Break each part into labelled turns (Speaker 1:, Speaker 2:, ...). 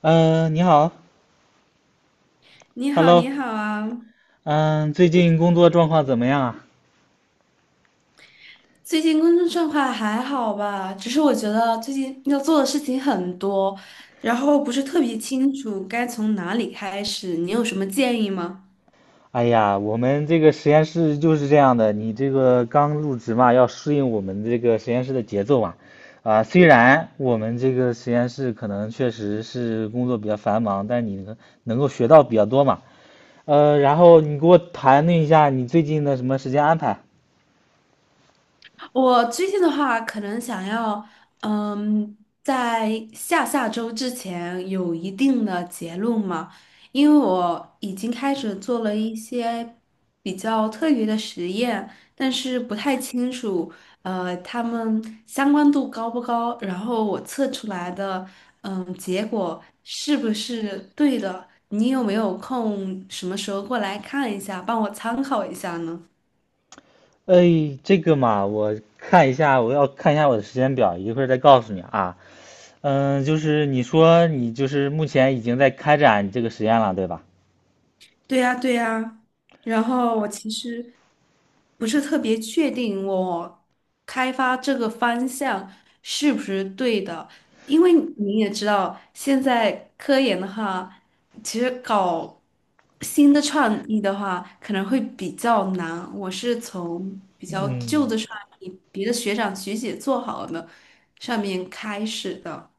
Speaker 1: 嗯，你好
Speaker 2: 你好，你
Speaker 1: ，Hello，
Speaker 2: 好啊！
Speaker 1: 嗯，最近工作状况怎么样啊？
Speaker 2: 最近工作状况还好吧？只是我觉得最近要做的事情很多，然后不是特别清楚该从哪里开始，你有什么建议吗？
Speaker 1: 哎呀，我们这个实验室就是这样的，你这个刚入职嘛，要适应我们这个实验室的节奏嘛。啊，虽然我们这个实验室可能确实是工作比较繁忙，但你能够学到比较多嘛。然后你给我谈论一下你最近的什么时间安排？
Speaker 2: 我最近的话，可能想要，嗯，在下下周之前有一定的结论嘛，因为我已经开始做了一些比较特别的实验，但是不太清楚，它们相关度高不高，然后我测出来的，结果是不是对的？你有没有空，什么时候过来看一下，帮我参考一下呢？
Speaker 1: 哎，这个嘛，我看一下，我要看一下我的时间表，一会儿再告诉你啊。嗯，就是你说你就是目前已经在开展这个实验了，对吧？
Speaker 2: 对呀，对呀。然后我其实不是特别确定我开发这个方向是不是对的，因为你也知道，现在科研的话，其实搞新的创意的话可能会比较难。我是从比较旧
Speaker 1: 嗯，
Speaker 2: 的创意，别的学长学姐做好的上面开始的。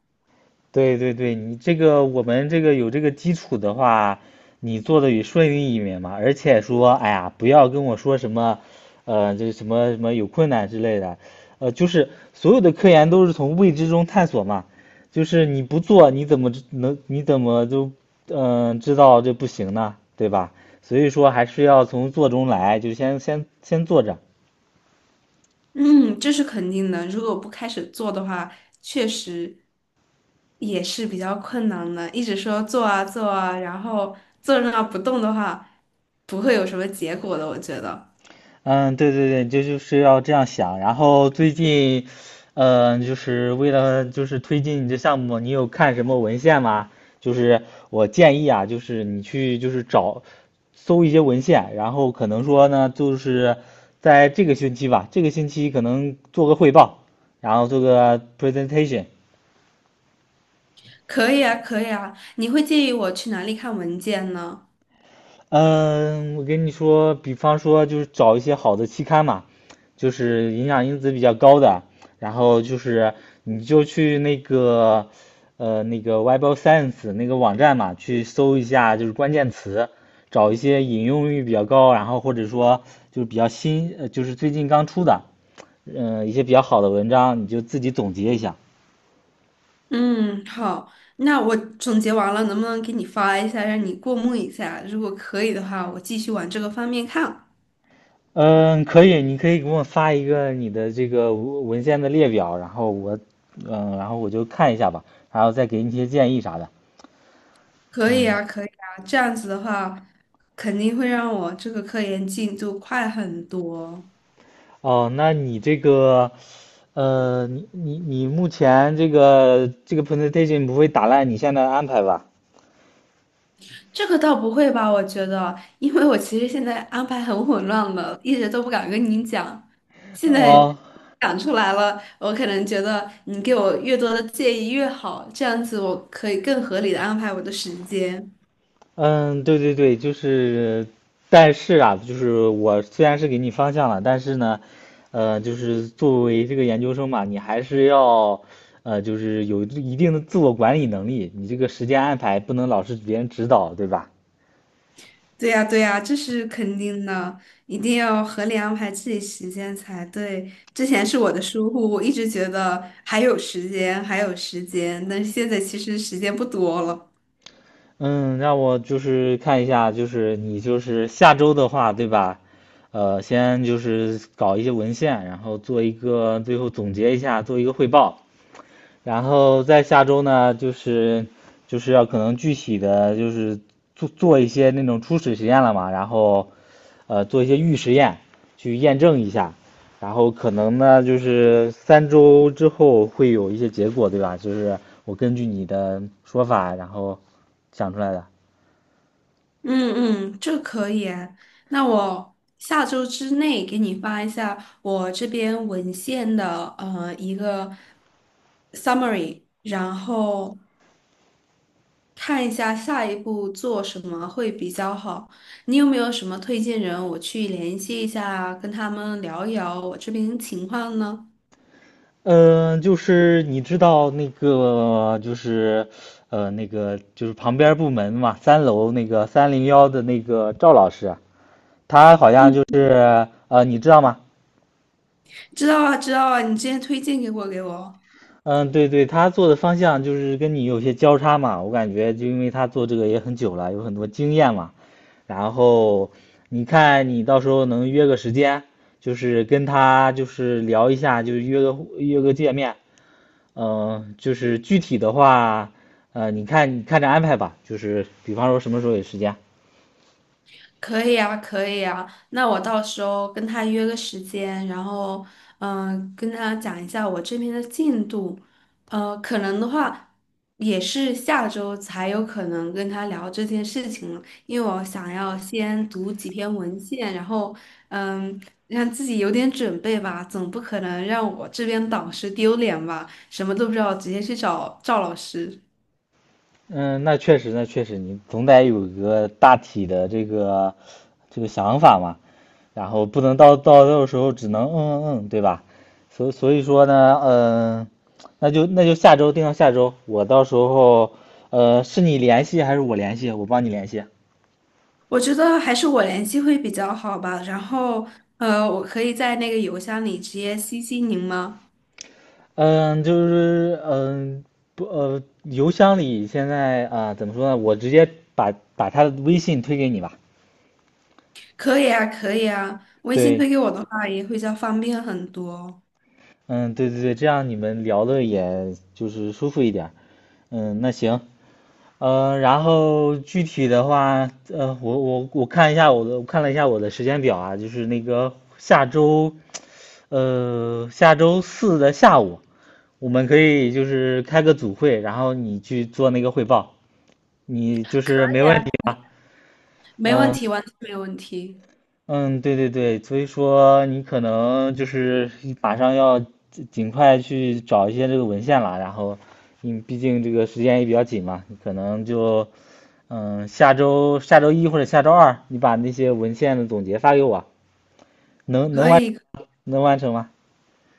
Speaker 1: 对对对，你这个我们这个有这个基础的话，你做的也顺利一点嘛。而且说，哎呀，不要跟我说什么，这什么什么有困难之类的，就是所有的科研都是从未知中探索嘛。就是你不做，你怎么就知道这不行呢？对吧？所以说还是要从做中来，就先做着。
Speaker 2: 嗯，这是肯定的。如果不开始做的话，确实也是比较困难的。一直说做啊做啊，然后坐在那不动的话，不会有什么结果的。我觉得
Speaker 1: 嗯，对对对，这就是要这样想。然后最近，就是为了推进你这项目，你有看什么文献吗？就是我建议啊，就是你去就是搜一些文献，然后可能说呢，就是在这个星期吧，这个星期可能做个汇报，然后做个 presentation。
Speaker 2: 可以啊，可以啊。你会建议我去哪里看文件呢？
Speaker 1: 嗯，我跟你说，比方说就是找一些好的期刊嘛，就是影响因子比较高的，然后就是你就去那个 Web of Science 那个网站嘛，去搜一下就是关键词，找一些引用率比较高，然后或者说就是比较新，就是最近刚出的，一些比较好的文章，你就自己总结一下。
Speaker 2: 嗯，好，那我总结完了，能不能给你发一下，让你过目一下？如果可以的话，我继续往这个方面看。
Speaker 1: 嗯，可以，你可以给我发一个你的这个文献的列表，然后我，嗯，然后我就看一下吧，然后再给你一些建议啥的。
Speaker 2: 可以
Speaker 1: 嗯，
Speaker 2: 啊，可以啊，这样子的话，肯定会让我这个科研进度快很多。
Speaker 1: 哦，那你这个，你目前这个 presentation 不会打烂你现在的安排吧？
Speaker 2: 这个倒不会吧，我觉得，因为我其实现在安排很混乱了，一直都不敢跟你讲。现在
Speaker 1: 哦，
Speaker 2: 讲出来了，我可能觉得你给我越多的建议越好，这样子我可以更合理的安排我的时间。
Speaker 1: 嗯，对对对，就是，但是啊，就是我虽然是给你方向了，但是呢，就是作为这个研究生嘛，你还是要，就是有一定的自我管理能力，你这个时间安排不能老是别人指导，对吧？
Speaker 2: 对呀，对呀，这是肯定的，一定要合理安排自己时间才对。之前是我的疏忽，我一直觉得还有时间，还有时间，但是现在其实时间不多了。
Speaker 1: 嗯，让我就是看一下，就是你就是下周的话，对吧？先就是搞一些文献，然后做一个最后总结一下，做一个汇报。然后在下周呢，就是就是要可能具体的就是做一些那种初始实验了嘛，然后做一些预实验去验证一下，然后可能呢就是三周之后会有一些结果，对吧？就是我根据你的说法，然后想出来的。
Speaker 2: 嗯嗯，这可以啊。那我下周之内给你发一下我这边文献的一个 summary,然后看一下下一步做什么会比较好。你有没有什么推荐人，我去联系一下，跟他们聊一聊我这边情况呢？
Speaker 1: 嗯，就是你知道那个就是旁边部门嘛，三楼那个三零幺的那个赵老师。他好像
Speaker 2: 嗯，
Speaker 1: 就是你知道吗？
Speaker 2: 知道啊，知道啊，你之前推荐给我。
Speaker 1: 嗯，对对，他做的方向就是跟你有些交叉嘛，我感觉就因为他做这个也很久了，有很多经验嘛。然后你看你到时候能约个时间，就是跟他就是聊一下，就是约个见面。嗯，就是具体的话，你看着安排吧，就是比方说什么时候有时间。
Speaker 2: 可以啊，可以啊。那我到时候跟他约个时间，然后跟他讲一下我这边的进度。可能的话也是下周才有可能跟他聊这件事情了，因为我想要先读几篇文献，然后嗯、让自己有点准备吧，总不可能让我这边导师丢脸吧，什么都不知道直接去找赵老师。
Speaker 1: 嗯，那确实，那确实，你总得有一个大体的这个想法嘛，然后不能到时候只能嗯嗯嗯，对吧？所以说呢，那就下周定到下周，我到时候是你联系还是我联系？我帮你联系。
Speaker 2: 我觉得还是我联系会比较好吧。然后，我可以在那个邮箱里直接 CC 您吗？
Speaker 1: 嗯，就是嗯不呃，邮箱里现在啊、怎么说呢？我直接把他的微信推给你吧。
Speaker 2: 可以啊，可以啊。微信
Speaker 1: 对，
Speaker 2: 推给我的话也会比较方便很多。
Speaker 1: 嗯，对对对，这样你们聊的也就是舒服一点儿。嗯，那行，然后具体的话，我看一下我的，我看了一下我的时间表啊，就是那个下周，下周四的下午，我们可以就是开个组会，然后你去做那个汇报，你就
Speaker 2: 可
Speaker 1: 是没
Speaker 2: 以啊，
Speaker 1: 问题吧？
Speaker 2: 没问
Speaker 1: 嗯、
Speaker 2: 题，完全没问题。
Speaker 1: 嗯，对对对，所以说你可能就是马上要尽快去找一些这个文献了，然后你毕竟这个时间也比较紧嘛，你可能就下周一或者下周二，你把那些文献的总结发给我，能能
Speaker 2: 可
Speaker 1: 完
Speaker 2: 以，
Speaker 1: 能完成吗？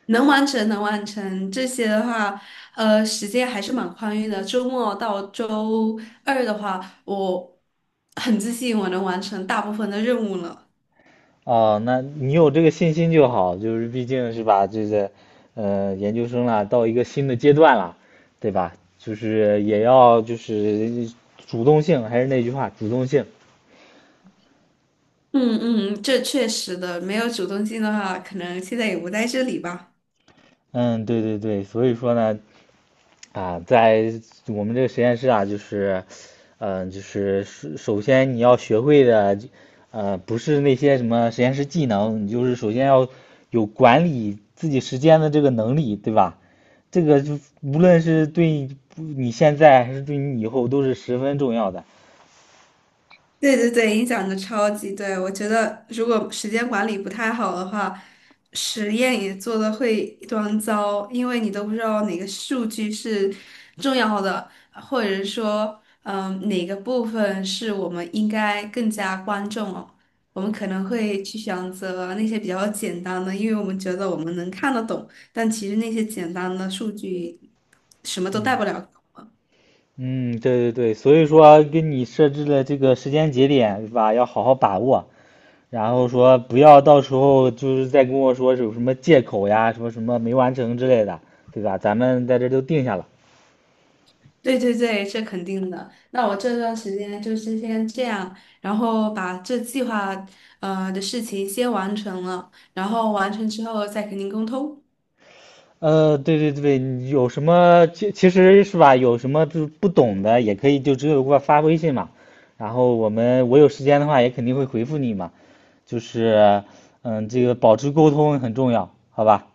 Speaker 2: 能完成，能完成。这些的话，时间还是蛮宽裕的。周末到周二的话，我很自信我能完成大部分的任务了。
Speaker 1: 哦，那你有这个信心就好，就是毕竟是吧，这个研究生了，到一个新的阶段了，对吧？就是也要就是主动性，还是那句话，主动性。
Speaker 2: 嗯嗯，这确实的，没有主动性的话，可能现在也不在这里吧。
Speaker 1: 嗯，对对对，所以说呢，啊，在我们这个实验室啊，就是，就是首先你要学会的，不是那些什么实验室技能，你就是首先要有管理自己时间的这个能力，对吧？这个就无论是对你现在还是对你以后都是十分重要的。
Speaker 2: 对对对，影响的超级对。我觉得如果时间管理不太好的话，实验也做的会一团糟，因为你都不知道哪个数据是重要的，或者说，哪个部分是我们应该更加关注哦。我们可能会去选择那些比较简单的，因为我们觉得我们能看得懂，但其实那些简单的数据什么都带
Speaker 1: 嗯
Speaker 2: 不了。
Speaker 1: 嗯，对对对，所以说跟你设置的这个时间节点，对吧？要好好把握。然后说不要到时候就是再跟我说有什么借口呀，说什么没完成之类的，对吧？咱们在这都定下了。
Speaker 2: 对对对，这肯定的。那我这段时间就是先这样，然后把这计划的事情先完成了，然后完成之后再跟您沟通。
Speaker 1: 对对对，有什么其实是吧，有什么就是不懂的也可以就直接给我发微信嘛，然后我有时间的话也肯定会回复你嘛，就是嗯，这个保持沟通很重要，好吧？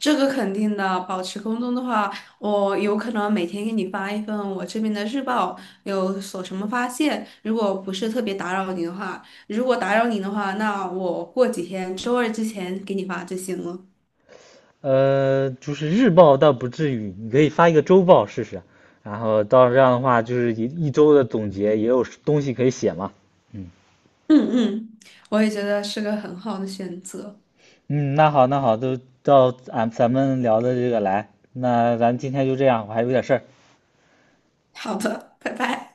Speaker 2: 这个肯定的，保持沟通的话，我有可能每天给你发一份我这边的日报，有所什么发现。如果不是特别打扰你的话，如果打扰你的话，那我过几天周二之前给你发就行了。
Speaker 1: 就是日报倒不至于，你可以发一个周报试试，然后到这样的话，就是一周的总结也有东西可以写嘛。嗯
Speaker 2: 嗯嗯，我也觉得是个很好的选择。
Speaker 1: 嗯，那好那好，都到咱们聊的这个来，那咱今天就这样，我还有点事儿。
Speaker 2: 好的，拜拜。